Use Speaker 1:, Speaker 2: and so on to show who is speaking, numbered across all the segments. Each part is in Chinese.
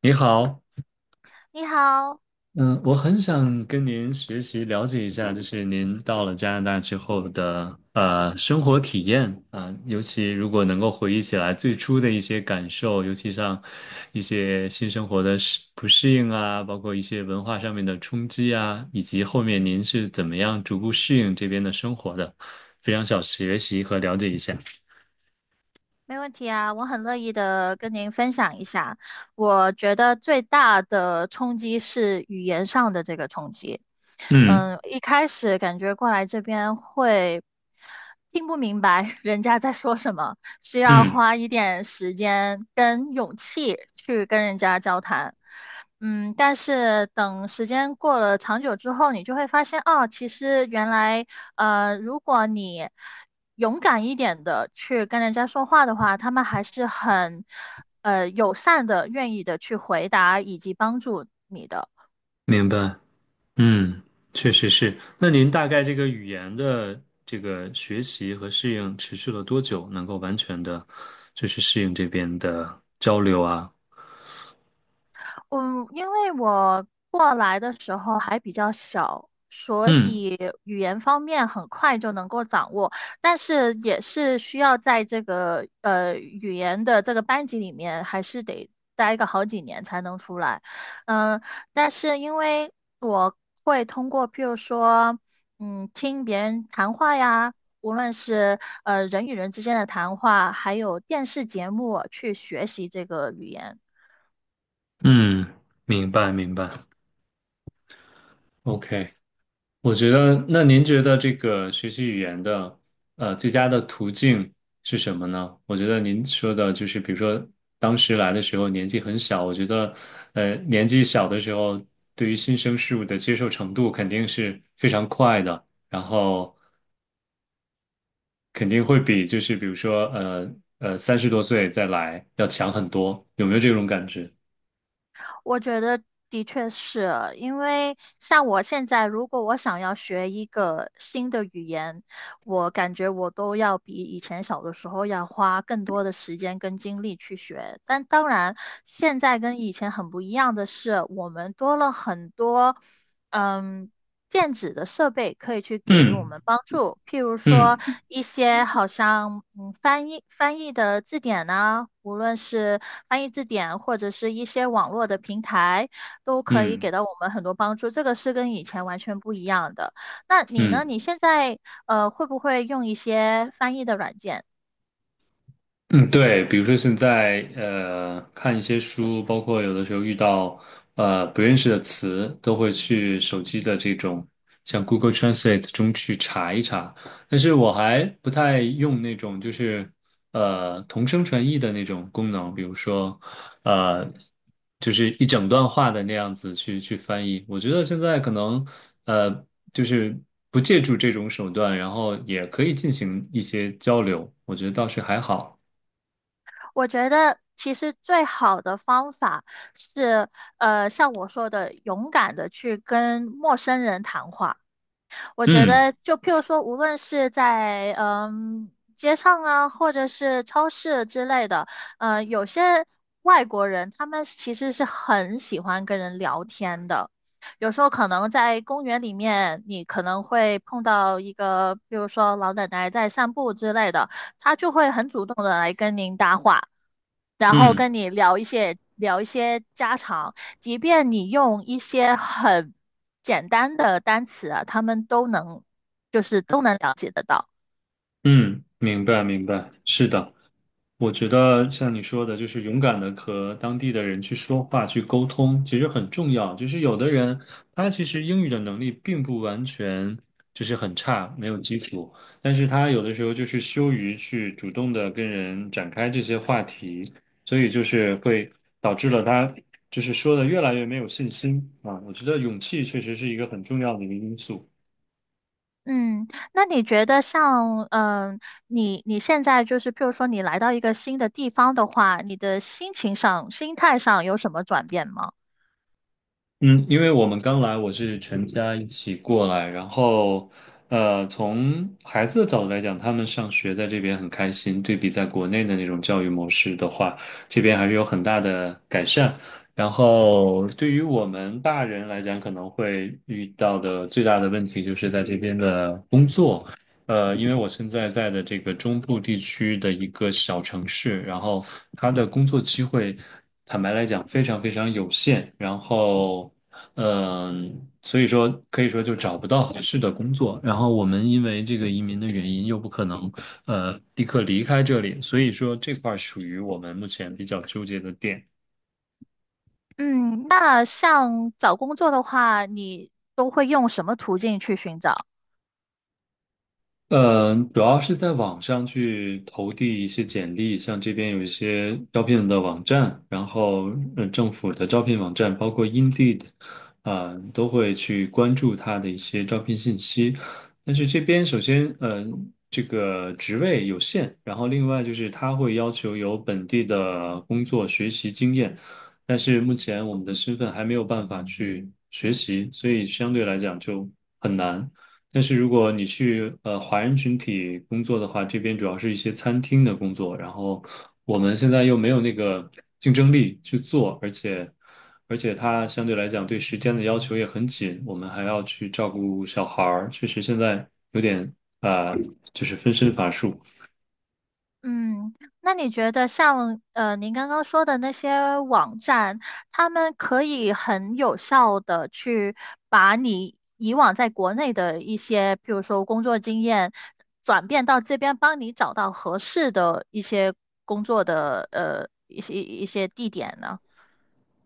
Speaker 1: 你好，
Speaker 2: 你好，
Speaker 1: 嗯，我很想跟您学习了解一下，就是您到了加拿大之后的生活体验啊，尤其如果能够回忆起来最初的一些感受，尤其像一些新生活的适不适应啊，包括一些文化上面的冲击啊，以及后面您是怎么样逐步适应这边的生活的，非常想学习和了解一下。
Speaker 2: 没问题啊，我很乐意的跟您分享一下。我觉得最大的冲击是语言上的这个冲击。
Speaker 1: 嗯
Speaker 2: 嗯，一开始感觉过来这边会听不明白 人家在说什么，需要
Speaker 1: 嗯，
Speaker 2: 花一点时间跟勇气去跟人家交谈。嗯，但是等时间过了长久之后，你就会发现，哦，其实原来，如果你勇敢一点的去跟人家说话的话，他们还是很，友善的，愿意的去回答以及帮助你的。
Speaker 1: 明白。嗯，确实是。那您大概这个语言的这个学习和适应持续了多久，能够完全的，就是适应这边的交流啊？
Speaker 2: 嗯，因为我过来的时候还比较小，所
Speaker 1: 嗯
Speaker 2: 以语言方面很快就能够掌握，但是也是需要在这个语言的这个班级里面，还是得待个好几年才能出来。嗯，但是因为我会通过，譬如说，嗯，听别人谈话呀。无论是人与人之间的谈话，还有电视节目，去学习这个语言。
Speaker 1: 嗯，明白明白。OK。我觉得，那您觉得这个学习语言的，最佳的途径是什么呢？我觉得您说的就是，比如说当时来的时候年纪很小，我觉得，年纪小的时候，对于新生事物的接受程度肯定是非常快的，然后肯定会比就是比如说，30多岁再来要强很多，有没有这种感觉？
Speaker 2: 我觉得的确是，因为像我现在，如果我想要学一个新的语言，我感觉我都要比以前小的时候要花更多的时间跟精力去学。但当然，现在跟以前很不一样的是，我们多了很多，嗯，电子的设备可以去给予我
Speaker 1: 嗯
Speaker 2: 们帮助，譬如说
Speaker 1: 嗯
Speaker 2: 一些好像翻译的字典呐、无论是翻译字典或者是一些网络的平台，都可以给
Speaker 1: 嗯
Speaker 2: 到我们很多帮助。这个是跟以前完全不一样的。那你
Speaker 1: 嗯。
Speaker 2: 呢？你
Speaker 1: 嗯
Speaker 2: 现在会不会用一些翻译的软件？
Speaker 1: 嗯，对，比如说现在看一些书，包括有的时候遇到不认识的词，都会去手机的这种像 Google Translate 中去查一查。但是我还不太用那种就是同声传译的那种功能，比如说呃就是一整段话的那样子去翻译。我觉得现在可能呃就是不借助这种手段，然后也可以进行一些交流，我觉得倒是还好。
Speaker 2: 我觉得其实最好的方法是像我说的，勇敢的去跟陌生人谈话。我觉
Speaker 1: 嗯
Speaker 2: 得，就譬如说，无论是在街上啊，或者是超市之类的，有些外国人他们其实是很喜欢跟人聊天的。有时候可能在公园里面，你可能会碰到一个，比如说老奶奶在散步之类的，她就会很主动的来跟您搭话。然后
Speaker 1: 嗯
Speaker 2: 跟你聊一些家常，即便你用一些很简单的单词啊，他们都能都能了解得到。
Speaker 1: 嗯，明白明白，是的，我觉得像你说的，就是勇敢的和当地的人去说话、去沟通，其实很重要。就是有的人他其实英语的能力并不完全就是很差，没有基础，但是他有的时候就是羞于去主动的跟人展开这些话题，所以就是会导致了他就是说的越来越没有信心啊。我觉得勇气确实是一个很重要的一个因素。
Speaker 2: 嗯，那你觉得像你现在就是譬如说你来到一个新的地方的话，你的心情上、心态上有什么转变吗？
Speaker 1: 嗯，因为我们刚来，我是全家一起过来，然后，从孩子的角度来讲，他们上学在这边很开心，对比在国内的那种教育模式的话，这边还是有很大的改善。然后，对于我们大人来讲，可能会遇到的最大的问题就是在这边的工作。因为我现在在的这个中部地区的一个小城市，然后它的工作机会，坦白来讲非常非常有限，然后，所以说可以说就找不到合适的工作。然后我们因为这个移民的原因，又不可能立刻离开这里，所以说这块儿属于我们目前比较纠结的点。
Speaker 2: 嗯，那像找工作的话，你都会用什么途径去寻找？
Speaker 1: 主要是在网上去投递一些简历，像这边有一些招聘的网站，然后政府的招聘网站，包括 Indeed，都会去关注它的一些招聘信息。但是这边首先，这个职位有限，然后另外就是它会要求有本地的工作学习经验，但是目前我们的身份还没有办法去学习，所以相对来讲就很难。但是如果你去华人群体工作的话，这边主要是一些餐厅的工作，然后我们现在又没有那个竞争力去做，而且它相对来讲对时间的要求也很紧，我们还要去照顾小孩儿，确实现在有点啊、呃就是分身乏术。
Speaker 2: 嗯，那你觉得像您刚刚说的那些网站，他们可以很有效的去把你以往在国内的一些，譬如说工作经验，转变到这边，帮你找到合适的一些工作的一些地点呢？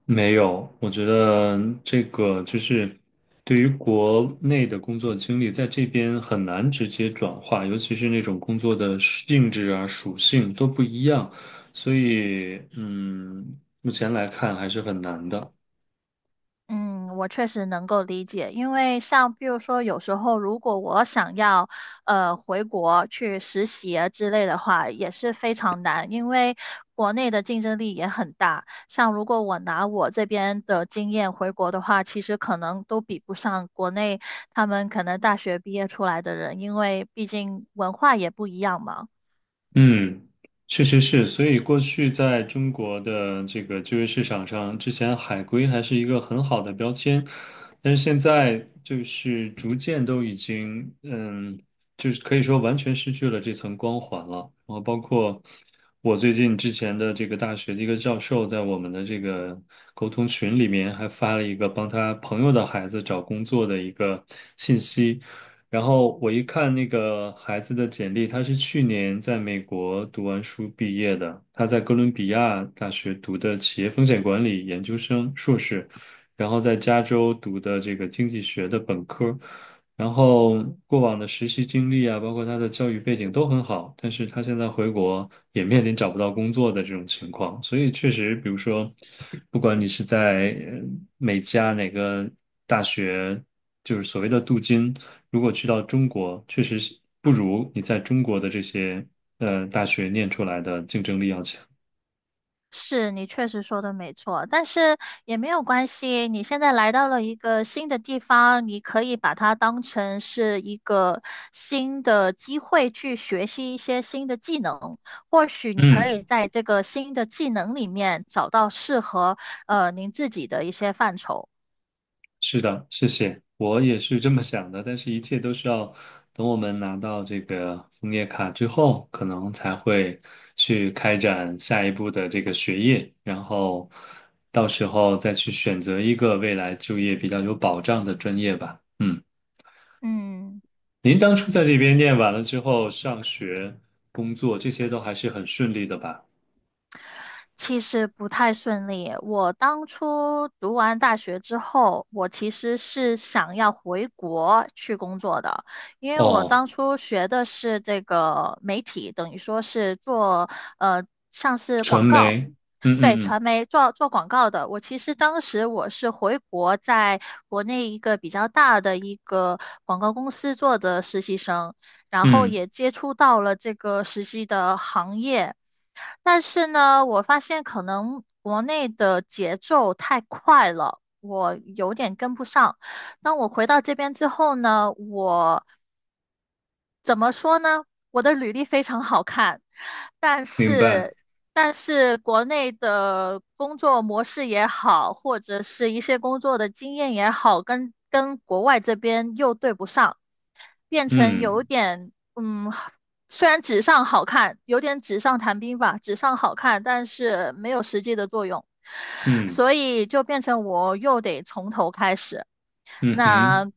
Speaker 1: 没有，我觉得这个就是对于国内的工作经历，在这边很难直接转化，尤其是那种工作的性质啊、属性都不一样，所以目前来看还是很难的。
Speaker 2: 嗯，我确实能够理解，因为像比如说，有时候如果我想要回国去实习啊之类的话，也是非常难，因为国内的竞争力也很大。像如果我拿我这边的经验回国的话，其实可能都比不上国内他们可能大学毕业出来的人，因为毕竟文化也不一样嘛。
Speaker 1: 嗯，确实是，所以过去在中国的这个就业市场上，之前海归还是一个很好的标签，但是现在就是逐渐都已经，就是可以说完全失去了这层光环了。然后包括我最近之前的这个大学的一个教授，在我们的这个沟通群里面还发了一个帮他朋友的孩子找工作的一个信息。然后我一看那个孩子的简历，他是去年在美国读完书毕业的，他在哥伦比亚大学读的企业风险管理研究生硕士，然后在加州读的这个经济学的本科，然后过往的实习经历啊，包括他的教育背景都很好，但是他现在回国也面临找不到工作的这种情况，所以确实，比如说，不管你是在呃美加哪个大学。就是所谓的镀金，如果去到中国，确实是不如你在中国的这些大学念出来的竞争力要强。
Speaker 2: 是你确实说的没错，但是也没有关系。你现在来到了一个新的地方，你可以把它当成是一个新的机会去学习一些新的技能。或许你可
Speaker 1: 嗯，
Speaker 2: 以在这个新的技能里面找到适合您自己的一些范畴。
Speaker 1: 是的，谢谢，我也是这么想的，但是一切都是要等我们拿到这个枫叶卡之后，可能才会去开展下一步的这个学业，然后到时候再去选择一个未来就业比较有保障的专业吧。嗯，
Speaker 2: 嗯。
Speaker 1: 您当初在这边念完了之后，上学、工作这些都还是很顺利的吧？
Speaker 2: 其实不太顺利。我当初读完大学之后，我其实是想要回国去工作的，因为我
Speaker 1: 哦，
Speaker 2: 当初学的是这个媒体，等于说是做呃像是
Speaker 1: 传
Speaker 2: 广告。
Speaker 1: 媒，嗯嗯
Speaker 2: 对，
Speaker 1: 嗯
Speaker 2: 传媒做广告的，我其实当时我是回国，在国内一个比较大的一个广告公司做的实习生，然后
Speaker 1: 嗯，
Speaker 2: 也接触到了这个实习的行业，但是呢，我发现可能国内的节奏太快了，我有点跟不上。当我回到这边之后呢，我怎么说呢？我的履历非常好看，但
Speaker 1: 明白，
Speaker 2: 是国内的工作模式也好，或者是一些工作的经验也好，跟国外这边又对不上，变成有
Speaker 1: 嗯
Speaker 2: 点嗯，虽然纸上好看，有点纸上谈兵吧，纸上好看，但是没有实际的作用，
Speaker 1: 嗯
Speaker 2: 所以就变成我又得从头开始。
Speaker 1: 嗯
Speaker 2: 那
Speaker 1: 哼，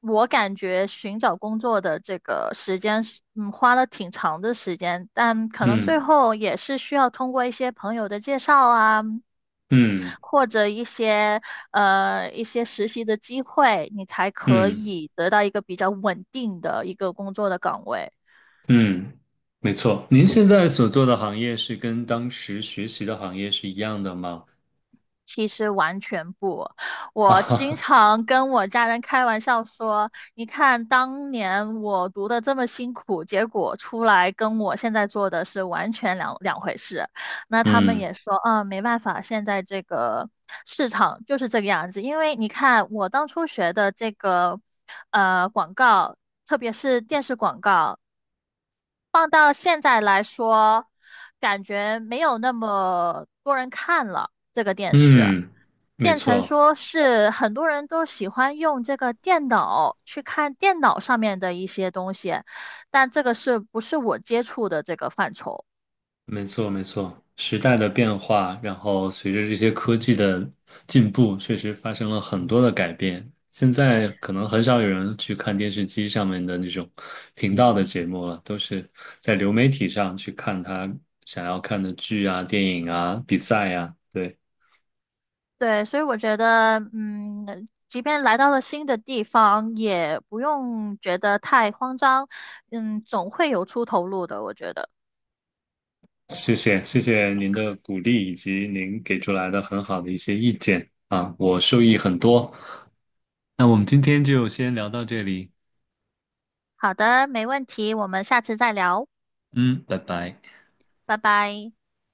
Speaker 2: 我感觉寻找工作的这个时间是，嗯，花了挺长的时间，但可能最
Speaker 1: 嗯
Speaker 2: 后也是需要通过一些朋友的介绍啊，
Speaker 1: 嗯
Speaker 2: 或者一些一些实习的机会，你才可
Speaker 1: 嗯
Speaker 2: 以得到一个比较稳定的一个工作的岗位。
Speaker 1: 嗯，没错。您现在所做的行业是跟当时学习的行业是一样的吗？
Speaker 2: 其实完全不，
Speaker 1: 啊
Speaker 2: 我
Speaker 1: 哈
Speaker 2: 经
Speaker 1: 哈，
Speaker 2: 常跟我家人开玩笑说，你看当年我读的这么辛苦，结果出来跟我现在做的是完全两回事。那他们
Speaker 1: 嗯
Speaker 2: 也说，啊，没办法，现在这个市场就是这个样子。因为你看我当初学的这个广告，特别是电视广告。放到现在来说，感觉没有那么多人看了这个电视，
Speaker 1: 嗯，没
Speaker 2: 变成
Speaker 1: 错。
Speaker 2: 说是很多人都喜欢用这个电脑去看电脑上面的一些东西，但这个是不是我接触的这个范畴？
Speaker 1: 没错，没错，时代的变化，然后随着这些科技的进步，确实发生了很多的改变。现在可能很少有人去看电视机上面的那种频道的节目了，都是在流媒体上去看他想要看的剧啊、电影啊、比赛呀。对，
Speaker 2: 对，所以我觉得，嗯，即便来到了新的地方，也不用觉得太慌张，嗯，总会有出头路的，我觉得。
Speaker 1: 谢谢，谢谢您的鼓励以及您给出来的很好的一些意见啊，我受益很多。那我们今天就先聊到这里，
Speaker 2: 好的，没问题，我们下次再聊，
Speaker 1: 嗯，拜拜。
Speaker 2: 拜拜。